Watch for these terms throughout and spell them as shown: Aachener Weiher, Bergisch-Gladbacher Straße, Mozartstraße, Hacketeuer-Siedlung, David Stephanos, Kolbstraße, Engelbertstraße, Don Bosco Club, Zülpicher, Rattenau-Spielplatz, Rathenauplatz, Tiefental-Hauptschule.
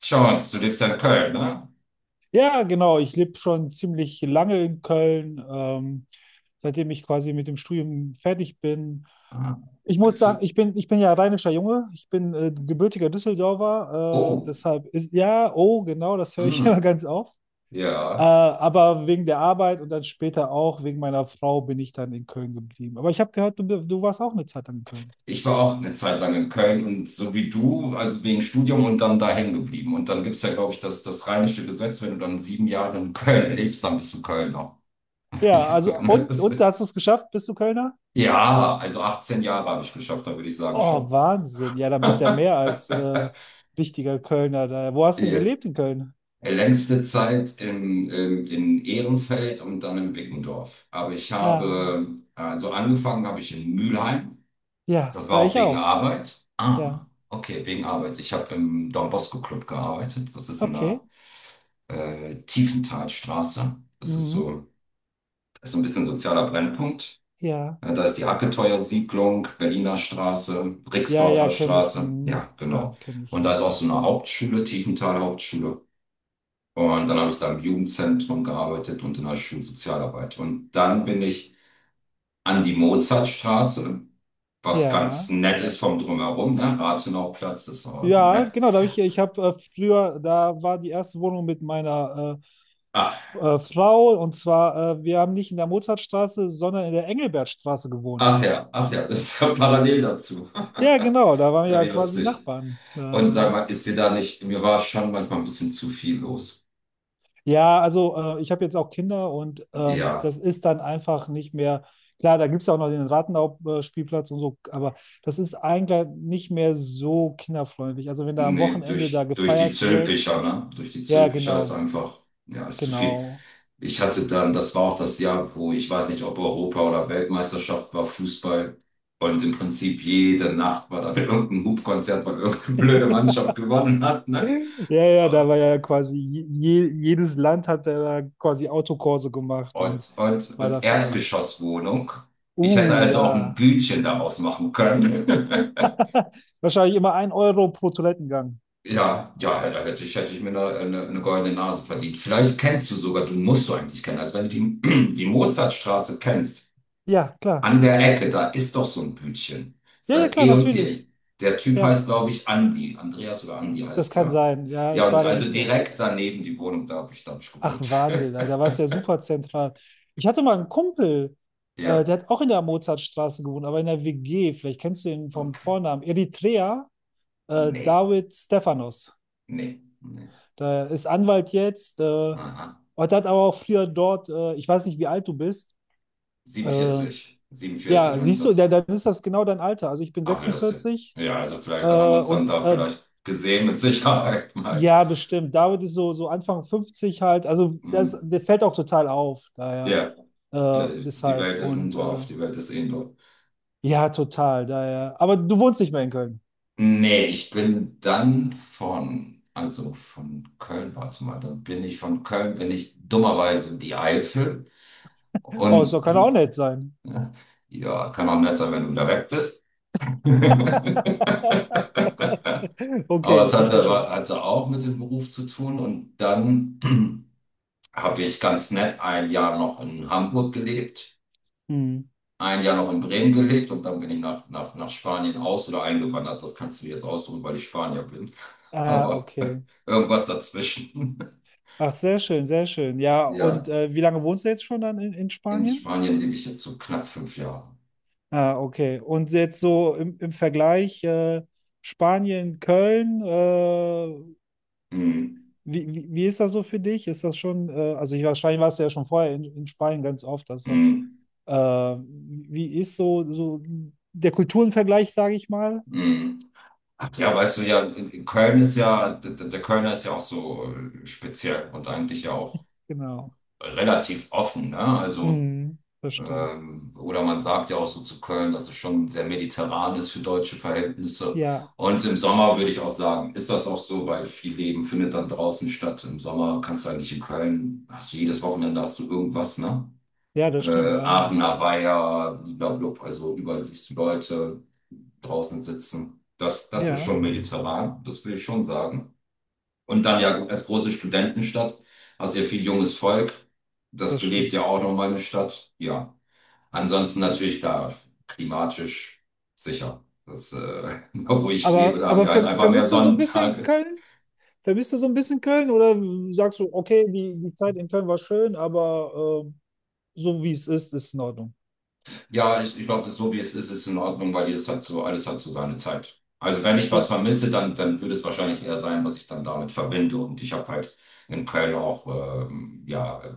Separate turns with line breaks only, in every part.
Jones, du lebst ja in Köln, ne?
Ja, genau. Ich lebe schon ziemlich lange in Köln, seitdem ich quasi mit dem Studium fertig bin.
Ah,
Ich
ein
muss sagen,
Zu-
ich bin ja rheinischer Junge. Ich bin gebürtiger Düsseldorfer.
oh,
Deshalb ist, ja, oh, genau, das höre ich
mm,
immer ganz oft.
ja.
Aber wegen der Arbeit und dann später auch wegen meiner Frau bin ich dann in Köln geblieben. Aber ich habe gehört, du warst auch eine Zeit lang in Köln.
Ich war auch eine Zeit lang in Köln und so wie du, also wegen Studium und dann da hängen geblieben. Und dann gibt es ja, glaube ich, das rheinische Gesetz: Wenn du dann 7 Jahre in Köln lebst, dann bist du Kölner. Ich
Ja, also,
meine, das-
und hast du es geschafft? Bist du Kölner?
Ja, also 18 Jahre habe ich geschafft, da würde ich sagen
Oh,
schon.
Wahnsinn. Ja, dann bist du ja mehr als wichtiger Kölner da. Wo hast du denn
Die
gelebt in Köln?
längste Zeit in Ehrenfeld und dann in Bickendorf. Aber ich
Ah,
habe, also angefangen habe ich in Mülheim.
ja,
Das war auch
ich
wegen
auch.
Arbeit. Ah,
Ja,
okay, wegen Arbeit. Ich habe im Don Bosco Club gearbeitet. Das ist in
okay.
der Tiefenthalstraße.
Mhm.
Das ist so ein bisschen sozialer Brennpunkt.
Ja,
Da ist die Hacketeuer-Siedlung, Berliner Straße,
ja, ja,
Rixdorfer
kenne ich.
Straße.
Mhm.
Ja,
Klar,
genau.
kenne
Und
ich.
da ist auch so eine Hauptschule, Tiefental-Hauptschule. Und dann habe ich da im Jugendzentrum gearbeitet und in der Schulsozialarbeit. Und dann bin ich an die Mozartstraße, was ganz
Ja,
nett ist vom Drumherum, ne? Rathenauplatz ist auch
ja,
nett.
genau. Da hab ich, ich habe früher, da war die erste Wohnung mit meiner
Ach,
Frau, und zwar, wir haben nicht in der Mozartstraße, sondern in der Engelbertstraße gewohnt.
ach ja, das ist ja parallel dazu.
Ja, genau. Da waren wir
Ja,
ja
wie
quasi
lustig.
Nachbarn.
Und sag mal, ist dir da nicht, mir war schon manchmal ein bisschen zu viel los.
Ja, also ich habe jetzt auch Kinder, und
Ja.
das ist dann einfach nicht mehr, klar, da gibt es ja auch noch den Rattenau-Spielplatz und so, aber das ist eigentlich nicht mehr so kinderfreundlich. Also wenn da am
Nee,
Wochenende da
durch die
gefeiert wird,
Zülpicher, ne? Durch die
ja,
Zülpicher ist
genau,
einfach, ja, ist zu viel.
genau.
Ich hatte dann, das war auch das Jahr, wo ich weiß nicht, ob Europa oder Weltmeisterschaft war, Fußball. Und im Prinzip jede Nacht war dann irgendein Hupkonzert, weil irgendeine blöde Mannschaft gewonnen hat, ne?
Ja, ja, da war ja quasi jedes Land hat da quasi Autokurse gemacht und
Und, und,
war da
und
viel unterwegs.
Erdgeschosswohnung. Ich hätte also auch ein
Ja.
Bütchen daraus machen können.
Wahrscheinlich immer ein Euro pro Toilettengang.
Ja, ja, ja, da hätte ich mir eine goldene Nase verdient. Vielleicht kennst du sogar, du musst du eigentlich kennen. Also wenn du die, die Mozartstraße kennst,
Ja, klar.
an der Ecke, da ist doch so ein Bütchen.
Ja, ja,
Seit
klar,
eh und je.
natürlich.
Der Typ
Ja.
heißt, glaube ich, Andi. Andreas oder Andi
Das
heißt
kann
er.
sein. Ja,
Ja,
ich
und
war da
also
nicht so oft.
direkt daneben die Wohnung, da hab ich
Ach,
gewohnt.
Wahnsinn, Alter, da war es ja super zentral. Ich hatte mal einen Kumpel,
Ja,
der hat auch in der Mozartstraße gewohnt, aber in der WG. Vielleicht kennst du ihn vom
okay.
Vornamen. Eritrea,
Nee,
David Stephanos.
nee, nee.
Der ist Anwalt jetzt.
Aha.
Und hat aber auch früher dort, ich weiß nicht, wie alt du bist. Äh,
47, 47
ja,
und
siehst du,
das.
der, dann ist das genau dein Alter. Also ich bin
Ach, wie lustig.
46
Ja, also
äh,
vielleicht, dann haben wir uns dann
und
da
äh,
vielleicht gesehen mit Sicherheit mal.
Ja, bestimmt. David ist so, so Anfang 50 halt. Also das,
Hm.
der fällt auch total auf, daher.
Ja, ja, die
Deshalb.
Welt ist ein
Und
Dorf, die Welt ist eh ein Dorf.
ja, total, daher. Aber du wohnst nicht mehr in Köln.
Nee, ich bin dann von, also von Köln, warte mal, dann bin ich von Köln, bin ich dummerweise in die Eifel
Oh, so
und
kann er auch
hm,
nett sein.
ja, kann auch nett sein, wenn du wieder weg bist.
Okay,
Aber es
ich verstehe
hatte,
schon.
hatte auch mit dem Beruf zu tun und dann habe ich ganz nett ein Jahr noch in Hamburg gelebt.
Hm.
Ein Jahr noch in Bremen gelebt und dann bin ich nach Spanien aus oder eingewandert. Das kannst du dir jetzt aussuchen, weil ich Spanier bin.
Ah,
Aber
okay.
irgendwas dazwischen.
Ach, sehr schön, sehr schön. Ja,
Ja,
und wie lange wohnst du jetzt schon dann in
in
Spanien?
Spanien lebe ich jetzt so knapp 5 Jahre.
Ah, okay. Und jetzt so im Vergleich Spanien, Köln,
Hm,
Wie ist das so für dich? Ist das schon, also ich, wahrscheinlich warst du ja schon vorher in Spanien ganz oft, deshalb,
hm,
äh, wie ist so, so der Kulturenvergleich, sage ich mal?
hm. Ach ja, weißt du, ja, in Köln ist ja, der Kölner ist ja auch so speziell und eigentlich ja auch
Genau.
relativ offen, ne? Also.
Mhm, das stimmt.
Oder man sagt ja auch so zu Köln, dass es schon sehr mediterran ist für deutsche Verhältnisse.
Ja,
Und im Sommer würde ich auch sagen, ist das auch so, weil viel Leben findet dann draußen statt. Im Sommer kannst du eigentlich in Köln, hast du jedes Wochenende hast du irgendwas, ne?
ja, das stimmt allerdings.
Aachener Weiher, blablabla, also überall siehst du Leute draußen sitzen. Das ist
Ja,
schon mediterran, das will ich schon sagen. Und dann ja als große Studentenstadt hast du ja viel junges Volk. Das
das
belebt ja
stimmt.
auch noch meine Stadt. Ja. Ansonsten natürlich klar, klimatisch sicher. Das, da wo ich lebe,
Aber,
da haben
aber
wir halt
ver,
einfach mehr
vermisst du so ein bisschen
Sonnentage.
Köln? Vermisst du so ein bisschen Köln, oder sagst du, okay, die Zeit in Köln war schön, aber so wie es ist, ist es in Ordnung?
Ja, ich glaube, so wie es ist, ist es in Ordnung, weil jedes hat so, alles hat so seine Zeit. Also wenn ich was
Ja,
vermisse, dann würde es wahrscheinlich eher sein, was ich dann damit verbinde. Und ich habe halt in Köln auch ja,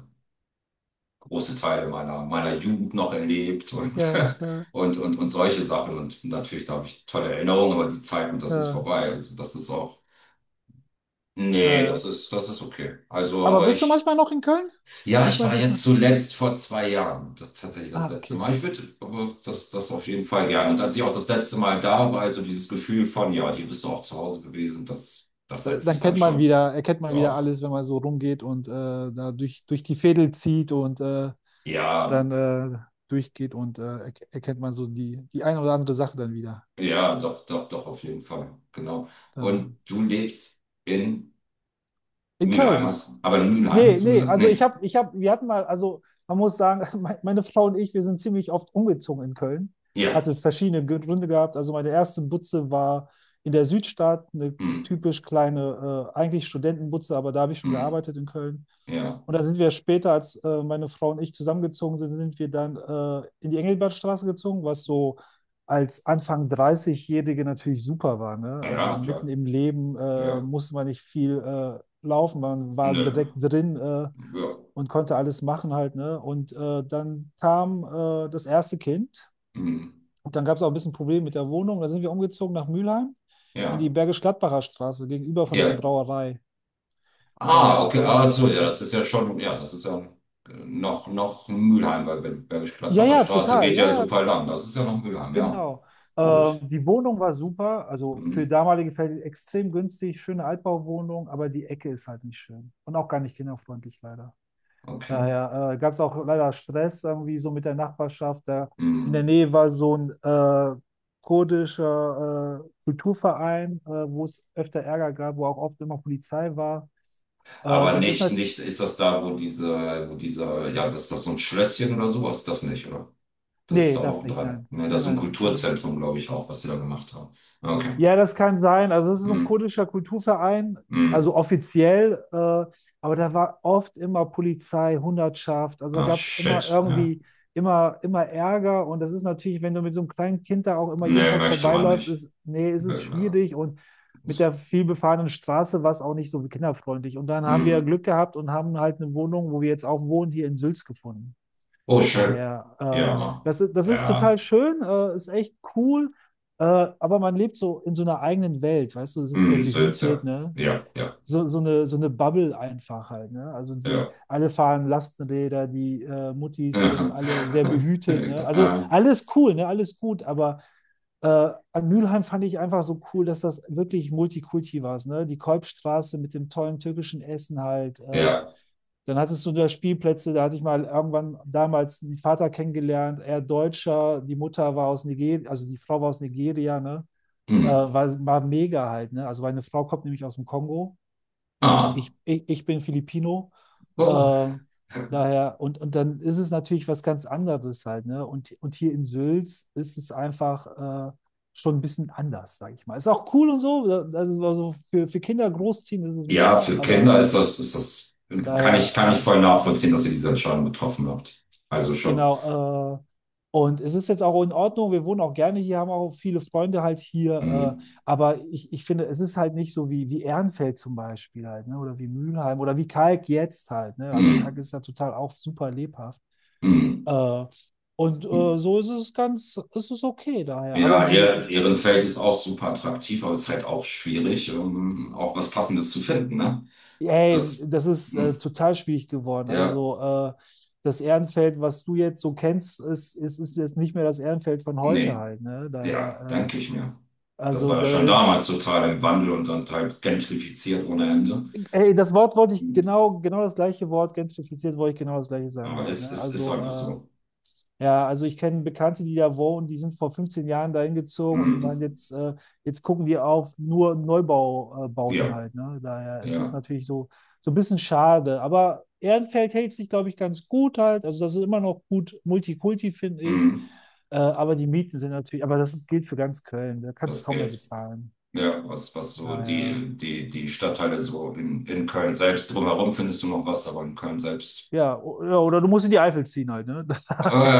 große Teile meiner Jugend noch erlebt
ja, ja,
und solche Sachen. Und natürlich, da habe ich tolle Erinnerungen, aber die Zeiten, das ist
ja,
vorbei. Also das ist auch. Nee, das
ja.
ist, das ist okay. Also,
Aber
aber
bist du
ich,
manchmal noch in Köln?
ja,
Sieht
ich
man
war
dich
jetzt
mal?
zuletzt vor 2 Jahren, das, tatsächlich das
Ah,
letzte
okay.
Mal. Ich würde aber das auf jeden Fall gerne. Und als ich auch das letzte Mal da war, also dieses Gefühl von, ja, hier bist du auch zu Hause gewesen, das
Da-
setzt
Dann
sich dann
kennt man
schon.
wieder, erkennt man wieder
Doch,
alles, wenn man so rumgeht und da durch die Veedel zieht und
ja,
dann durchgeht und erkennt man so die, die eine oder andere Sache dann wieder.
ja, doch, doch, doch, auf jeden Fall. Genau.
Da.
Und du lebst in
In
Mülheim,
Köln.
hast, aber in Mülheim
Nee,
hast du
nee,
gesagt?
also
Nee.
wir hatten mal, also man muss sagen, meine Frau und ich, wir sind ziemlich oft umgezogen in Köln.
Ja.
Hatte verschiedene Gründe gehabt. Also meine erste Butze war in der Südstadt, eine
Hm,
typisch kleine, eigentlich Studentenbutze, aber da habe ich schon
hm,
gearbeitet in Köln.
ja.
Und da sind wir später, als meine Frau und ich zusammengezogen sind, sind wir dann in die Engelbertstraße gezogen, was so als Anfang 30-Jährige natürlich super war. Ne? Also
Ja, klar.
mitten im Leben
Ja.
musste man nicht viel laufen, man war
Nö.
direkt drin
Ja.
und konnte alles machen halt, ne? Und dann kam das erste Kind,
Hm.
und dann gab es auch ein bisschen Probleme mit der Wohnung. Da sind wir umgezogen nach Mülheim in die
Ja,
Bergisch-Gladbacher Straße gegenüber von der
ja.
Brauerei.
Ah, okay, ah, so,
Daher,
ja, das ist ja schon, ja, das ist ja noch Mülheim, weil
ja,
Bergisch-Gladbacher
ja,
Straße
total,
geht ja
ja, ja,
super lang. Das ist ja noch Mülheim, ja.
genau.
Gut.
Die Wohnung war super, also
Hm,
für damalige Fälle extrem günstig, schöne Altbauwohnung, aber die Ecke ist halt nicht schön und auch gar nicht kinderfreundlich leider.
okay.
Daher gab es auch leider Stress irgendwie so mit der Nachbarschaft. Da in der
Hm.
Nähe war so ein kurdischer Kulturverein, wo es öfter Ärger gab, wo auch oft immer Polizei war.
Aber
Das ist
nicht,
nicht,
nicht, ist das da, wo diese, wo dieser, ja, das ist das so ein Schlösschen oder sowas? Das nicht, oder? Das ist
nee,
da
das
auch
nicht,
dran.
nein,
Ne, das
nein,
ist so ein
nein.
Kulturzentrum, glaube ich, auch, was sie da gemacht haben. Okay.
Ja, das kann sein. Also es ist so ein
Hm,
kurdischer Kulturverein,
hm.
also offiziell, aber da war oft immer Polizei, Hundertschaft. Also da
Ach,
gab es immer
shit, ja.
irgendwie, immer, immer Ärger. Und das ist natürlich, wenn du mit so einem kleinen Kind da auch immer jeden
Nee,
Tag
möchte man
vorbeiläufst,
nicht.
ist, nee, ist es
Be-
schwierig. Und mit der vielbefahrenen Straße war es auch nicht so kinderfreundlich. Und dann haben wir
Hm.
Glück gehabt und haben halt eine Wohnung, wo wir jetzt auch wohnen, hier in Sülz gefunden.
Oh, schön.
Daher,
Ja,
das, das ist total
ja.
schön, ist echt cool, äh, aber man lebt so in so einer eigenen Welt, weißt du, es ist sehr
Hm,
behütet,
Sitze.
ne?
Ja, ja,
So, so eine Bubble einfach halt, ne? Also die,
ja.
alle fahren Lastenräder, die Muttis
Aha.
sind alle sehr behütet, ne? Also
Ja,
alles cool, ne? Alles gut, aber äh, an Mülheim fand ich einfach so cool, dass das wirklich Multikulti war, ne? Die Kolbstraße mit dem tollen türkischen Essen halt,
ja.
dann hattest du da Spielplätze, da hatte ich mal irgendwann damals einen Vater kennengelernt, er Deutscher, die Mutter war aus Nigeria, also die Frau war aus Nigeria, ne?
Hm.
War, war mega halt, ne? Also meine Frau kommt nämlich aus dem Kongo,
Ah.
ich bin Filipino, äh,
Oh.
daher, und dann ist es natürlich was ganz anderes halt, ne? Und hier in Sülz ist es einfach schon ein bisschen anders, sage ich mal. Ist auch cool und so, das ist also für Kinder großziehen, das ist
Ja,
mega,
für
aber
Kinder ist das, kann ich,
daher
kann ich voll nachvollziehen, dass ihr diese Entscheidung getroffen habt. Also schon.
Genau, und es ist jetzt auch in Ordnung, wir wohnen auch gerne hier, haben auch viele Freunde halt
Hm.
hier, aber ich finde, es ist halt nicht so wie, wie Ehrenfeld zum Beispiel halt, ne? Oder wie Mülheim oder wie Kalk jetzt halt, ne? Also Kalk
Hm.
ist ja total auch super lebhaft.
Hm.
Äh, und so ist es ganz, ist es okay daher.
Ja,
Aber wie gesagt,
ihr,
ich,
ihren Feld ist auch super attraktiv, aber es ist halt auch schwierig, um auch was Passendes zu finden, ne?
hey,
Das,
das ist
hm.
total schwierig geworden.
Ja,
Also das Ehrenfeld, was du jetzt so kennst, ist jetzt nicht mehr das Ehrenfeld von heute
nee.
halt, ne?
Ja,
Daher.
denke ich mir. Das
Also
war ja
da
schon damals
ist,
total im Wandel und dann halt gentrifiziert ohne Ende.
ey, das Wort wollte ich genau, genau das gleiche Wort, gentrifiziert wollte ich genau das gleiche sagen
Aber
halt,
es,
ne?
es ist
Also,
einfach so.
ja, also ich kenne Bekannte, die da wohnen, die sind vor 15 Jahren dahin gezogen und die
Mhm.
meinen jetzt, jetzt gucken die auf nur Neubaubauten
Ja,
halt, ne? Daher ist es
ja.
natürlich so, so ein bisschen schade, aber Ehrenfeld hält sich, glaube ich, ganz gut halt, also das ist immer noch gut Multikulti, finde ich,
Mhm.
aber die Mieten sind natürlich, aber das ist, gilt für ganz Köln, da kannst du
Das
kaum mehr
geht.
bezahlen,
Ja, was so
daher...
die, die Stadtteile so in Köln selbst drumherum findest du noch was, aber in Köln selbst.
Ja, o- ja, oder du musst in die Eifel ziehen halt, ne? Das,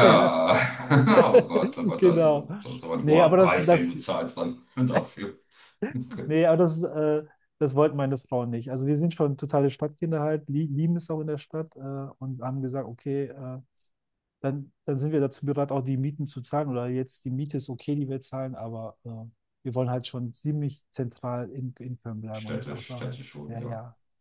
ja,
ja. Oh Gott, aber da ist,
genau.
aber, da ist aber ein
Nee,
hoher
aber das,
Preis, den du
das,
zahlst dann dafür.
nee, aber das, das wollten meine Frauen nicht. Also wir sind schon totale Stadtkinder halt, lieben es auch in der Stadt und haben gesagt, okay, dann sind wir dazu bereit, auch die Mieten zu zahlen. Oder jetzt die Miete ist okay, die wir zahlen, aber wir wollen halt schon ziemlich zentral in Köln bleiben und nicht
Städtisch,
außerhalb.
städtisch wohnen,
Ja,
ja.
ja.